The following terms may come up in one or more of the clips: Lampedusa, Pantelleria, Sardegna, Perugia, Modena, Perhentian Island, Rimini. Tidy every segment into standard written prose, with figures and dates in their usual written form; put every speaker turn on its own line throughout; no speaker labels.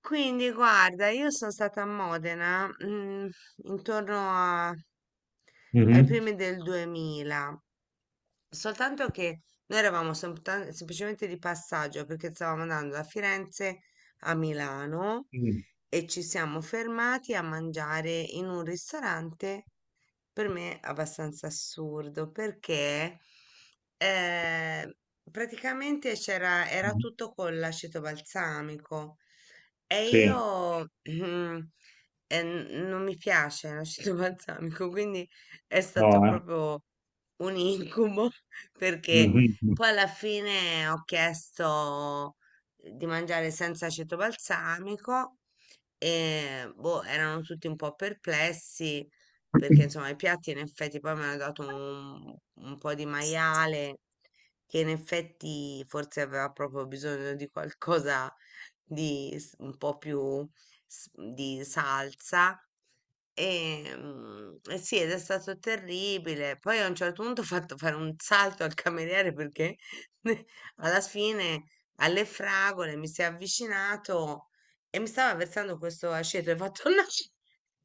Quindi guarda, io sono stata a Modena, intorno ai
Mhm.
primi del 2000, soltanto che noi eravamo semplicemente di passaggio perché stavamo andando da Firenze a Milano
Mhm.
e ci siamo fermati a mangiare in un ristorante per me abbastanza assurdo perché eh, praticamente era tutto con l'aceto balsamico e
Sì,
io non mi piace l'aceto balsamico, quindi è stato
no, eh.
proprio un incubo perché
Mhm.
poi alla fine ho chiesto di mangiare senza aceto balsamico e boh, erano tutti un po' perplessi perché insomma i piatti in effetti poi mi hanno dato un po' di maiale che in effetti forse aveva proprio bisogno di qualcosa un po' più di salsa. E, e sì, ed è stato terribile. Poi a un certo punto ho fatto fare un salto al cameriere perché alla fine alle fragole mi si è avvicinato e mi stava versando questo aceto e ha fatto "No!"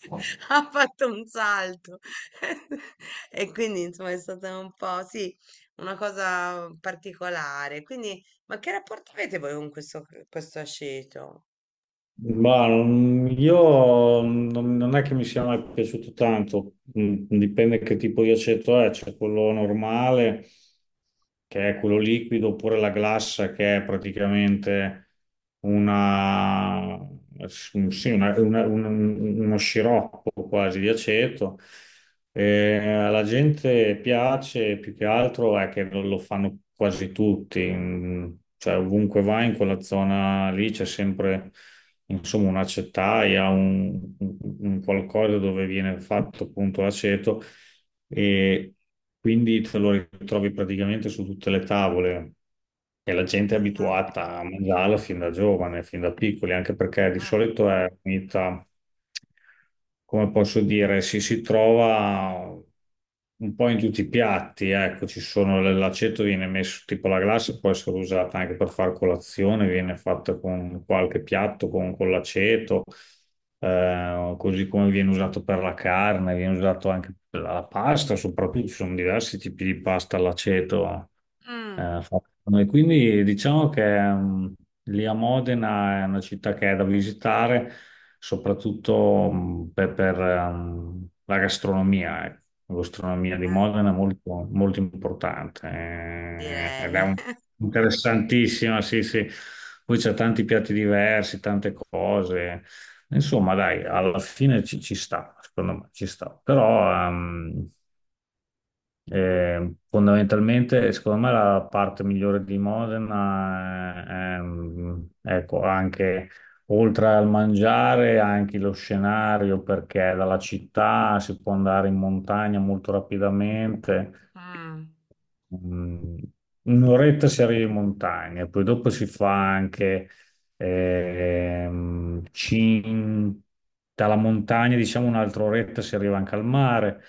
ha fatto un salto e quindi insomma è stata un po' sì, una cosa particolare. Quindi, ma che rapporto avete voi con questo aceto?
Ma io non è che mi sia mai piaciuto tanto. Dipende che tipo di aceto è, c'è quello normale che è quello liquido oppure la glassa che è praticamente una, sì, uno sciroppo quasi di aceto. Alla gente piace più che altro è che lo fanno quasi tutti, cioè ovunque vai in quella zona lì c'è sempre insomma una acetaia, un qualcosa dove viene fatto appunto l'aceto e quindi te lo ritrovi praticamente su tutte le tavole, e la gente è
Ah,
abituata a mangiarla fin da giovane, fin da piccoli, anche perché di solito è unita, come posso dire, si trova un po' in tutti i piatti. Ecco, ci sono l'aceto, viene messo tipo la glassa, può essere usata anche per fare colazione, viene fatta con qualche piatto con l'aceto, così come viene usato per la carne, viene usato anche per la pasta, soprattutto ci sono diversi tipi di pasta all'aceto,
mm, mm,
fatta da noi. Quindi diciamo che, lì a Modena è una città che è da visitare, soprattutto per, la gastronomia. Ecco. La gastronomia di
eh,
Modena è molto, molto importante, ed è
direi.
interessantissima, sì, sì. Poi c'è tanti piatti diversi, tante cose. Insomma, dai, alla fine ci sta, secondo me ci sta. Però fondamentalmente, secondo me, la parte migliore di Modena è, ecco, anche oltre al mangiare, anche lo scenario, perché dalla città si può andare in montagna molto rapidamente.
Mm,
Mm. Un'oretta si arriva in montagna, poi dopo si fa anche ehm, cin- dalla montagna, diciamo un'altra oretta si arriva anche al mare.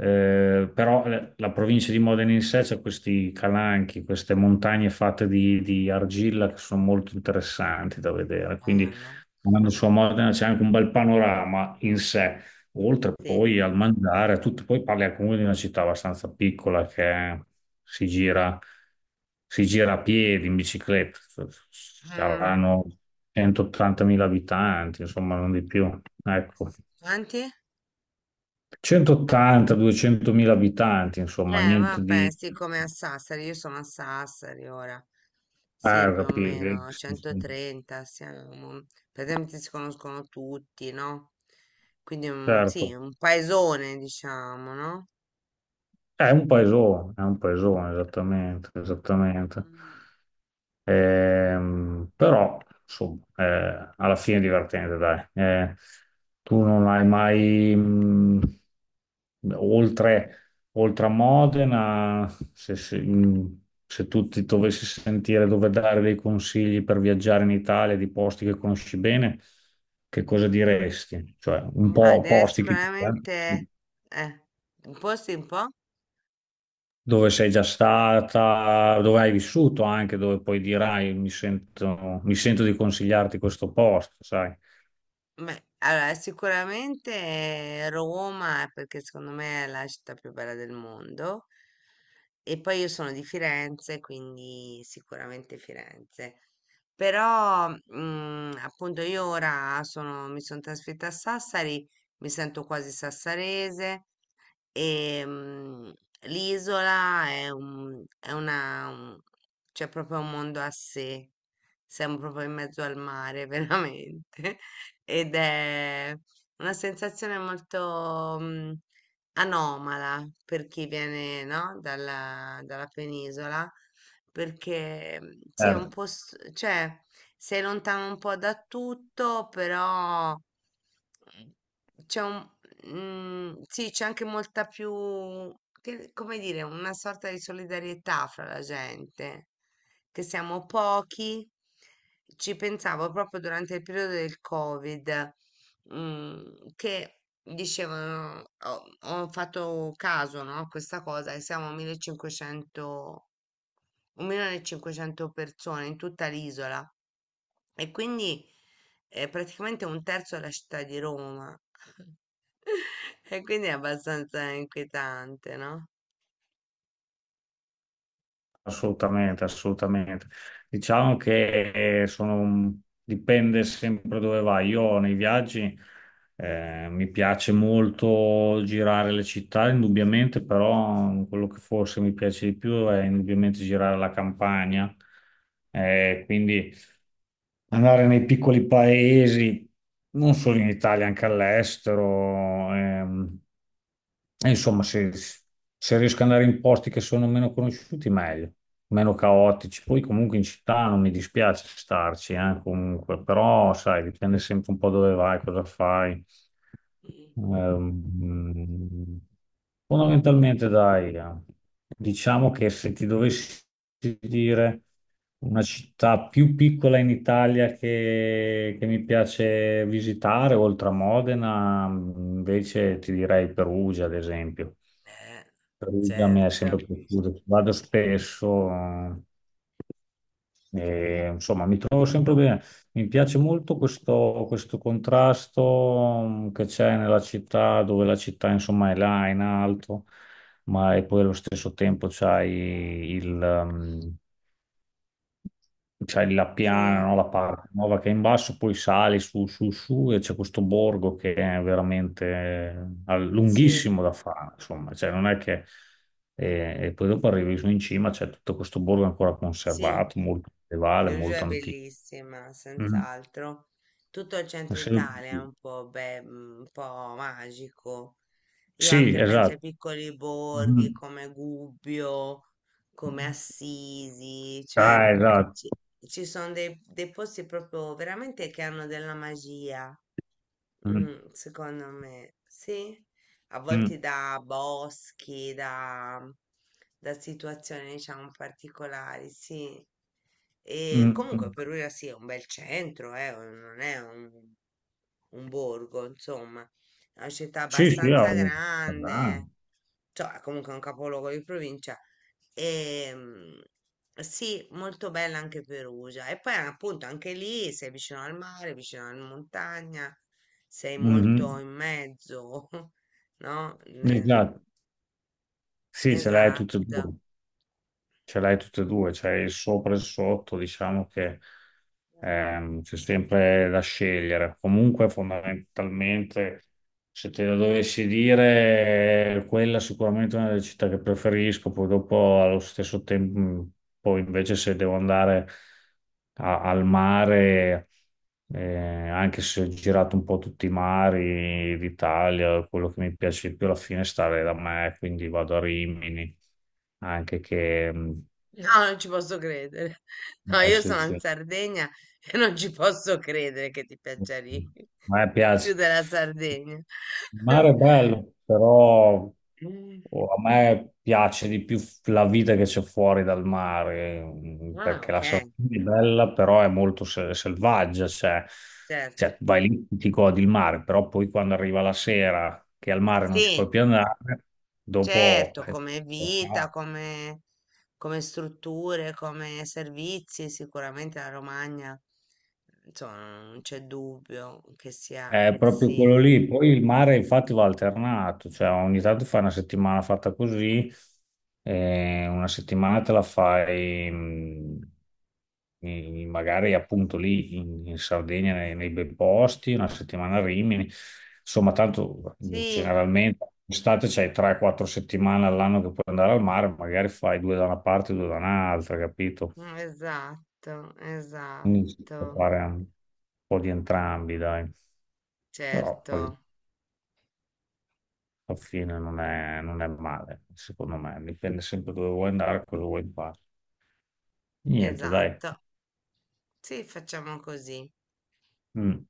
Però, la provincia di Modena in sé c'è questi calanchi, queste montagne fatte di argilla che sono molto interessanti da vedere, quindi
bello,
andando su a Modena c'è anche un bel panorama in sé, oltre
sì.
poi al mangiare, a tutto. Poi parli comunque di una città abbastanza piccola che si gira, si gira a piedi, in bicicletta,
Mm.
saranno 180.000 abitanti, insomma, non di più. Ecco,
Quanti?
180-200.000 abitanti, insomma, niente
Vabbè,
di...
sì, come a Sassari, io sono a Sassari ora. Sì,
Eh,
più o
capi- eh,
meno, a
sì, sì,
130 siamo. Praticamente si conoscono tutti, no? Quindi, sì,
certo,
un paesone, diciamo, no?
è un paesone, esattamente, esattamente.
Mm,
Però, insomma, alla fine è divertente, dai. Tu non hai mai, oltre, oltre a Modena, se, se- mh, se tu ti dovessi sentire dove dare dei consigli per viaggiare in Italia, di posti che conosci bene, che cosa diresti? Cioè, un
ma
po' posti che... Eh?
sicuramente, eh, un posto un po'?
Dove sei già stata, dove hai vissuto anche, dove poi dirai mi sento, di consigliarti questo posto, sai?
Beh, allora sicuramente Roma, perché secondo me è la città più bella del mondo. E poi io sono di Firenze, quindi sicuramente Firenze. Però, appunto, io ora mi sono trasferita a Sassari, mi sento quasi sassarese. Ehm, L'isola è un, è una, un- c'è proprio un mondo a sé. Siamo proprio in mezzo al mare, veramente. Ed è una sensazione molto anomala per chi viene, no, dalla penisola, perché sì, è un
Certo.
po', cioè, sei lontano un po' da tutto, però c'è un, sì, c'è anche molta più, come dire, una sorta di solidarietà fra la gente, che siamo pochi. Ci pensavo proprio durante il periodo del Covid, mm, che dicevano, ho fatto caso, no, a questa cosa, che siamo 1500 1.500 persone in tutta l'isola e quindi è praticamente un terzo della città di Roma. E quindi è abbastanza inquietante, no?
Assolutamente, assolutamente. Diciamo che, dipende sempre dove vai. Io nei viaggi, mi piace molto girare le città, indubbiamente, però quello che forse mi piace di più è indubbiamente girare la campagna. Quindi andare nei piccoli paesi, non solo in Italia, anche all'estero. E insomma, se riesco ad andare in posti che sono meno conosciuti, meglio, meno caotici. Poi comunque in città non mi dispiace starci, comunque, però sai, dipende sempre un po' dove vai, cosa fai.
Mhm.
Ehm, fondamentalmente, dai, diciamo che, se ti dovessi dire una città più piccola in Italia che mi piace visitare, oltre a Modena, invece ti direi Perugia, ad esempio.
Eh,
Perugia mi è
certo.
sempre piaciuto, ci vado spesso, e insomma, mi trovo sempre bene. Mi piace molto questo contrasto, che c'è nella città, dove la città, insomma, è là in alto, ma e poi allo stesso tempo c'hai il, mh, c'hai la piana,
Sì,
no? La parte nuova che è in basso, poi sali su, su, su e c'è questo borgo che è veramente,
sì,
lunghissimo da fare, insomma, cioè non è che... E poi dopo arrivi su in cima, c'è tutto questo borgo ancora
sì.
conservato, molto medievale,
Perugia
molto
è
antico.
bellissima,
Mhm.
senz'altro. Tutto il centro
Sì,
Italia è un po', un po' magico. Io
sì,
anche penso ai
esatto.
piccoli borghi
Mhm.
come Gubbio, come Assisi, cioè
Ah, esatto.
ci, ci sono dei posti proprio veramente che hanno della magia.
Mhm.
Mm, secondo me sì, a volte da boschi, da situazioni diciamo particolari, sì. E
Mhm.
comunque
Mhm.
Perugia sì, è un bel centro, non è un, borgo, insomma, è una città
Sì, sì, ah,
abbastanza
ah.
grande, cioè è comunque un capoluogo di provincia. E, sì, molto bella anche Perugia. E poi appunto anche lì sei vicino al mare, vicino alla montagna sei molto
Mhm.
in mezzo, no?
Esatto. Sì, ce l'hai tutto,
Esatto.
ce l'hai tutte e due, c'è il sopra e il sotto, diciamo che, c'è sempre da scegliere. Comunque, fondamentalmente, se te lo dovessi dire, quella è sicuramente una delle città che preferisco. Poi dopo, allo stesso tempo, poi invece se devo andare al mare, anche se ho girato un po' tutti i mari d'Italia, quello che mi piace di più alla fine è stare da me, quindi vado a Rimini, anche che... mh,
No, non ci posso credere. No,
eh,
io
sì,
sono in
sì.
Sardegna e non ci posso credere che ti piaccia lì
A me
più
piace.
della Sardegna.
Il mare è bello, però
Mm.
oh, a me piace di più la vita che c'è fuori dal mare,
Ah,
perché
ok,
la Sardegna è bella, però è molto selvaggia, cioè,
certo.
vai lì, ti godi il mare, però poi quando arriva la sera che al mare non ci puoi
Sì.
più andare, dopo...
Certo, come
cosa
vita,
fai?
come strutture, come servizi, sicuramente la Romagna, insomma, non c'è dubbio che sia,
È proprio quello
sì,
lì. Poi il mare infatti va alternato, cioè ogni tanto fai una settimana fatta così, e una settimana te la fai magari appunto lì in, Sardegna, nei bei posti, una settimana a Rimini. Insomma, tanto
sì,
generalmente estate c'hai 3-4 settimane all'anno che puoi andare al mare, magari fai due da una parte e due da un'altra, capito?
mm, esatto,
Quindi si può
esatto,
fare un po' di entrambi, dai. Però
certo,
poi alla fine non è male, secondo me. Dipende sempre dove vuoi andare, cosa vuoi fare. Niente, dai.
esatto, sì, facciamo così.
Mm.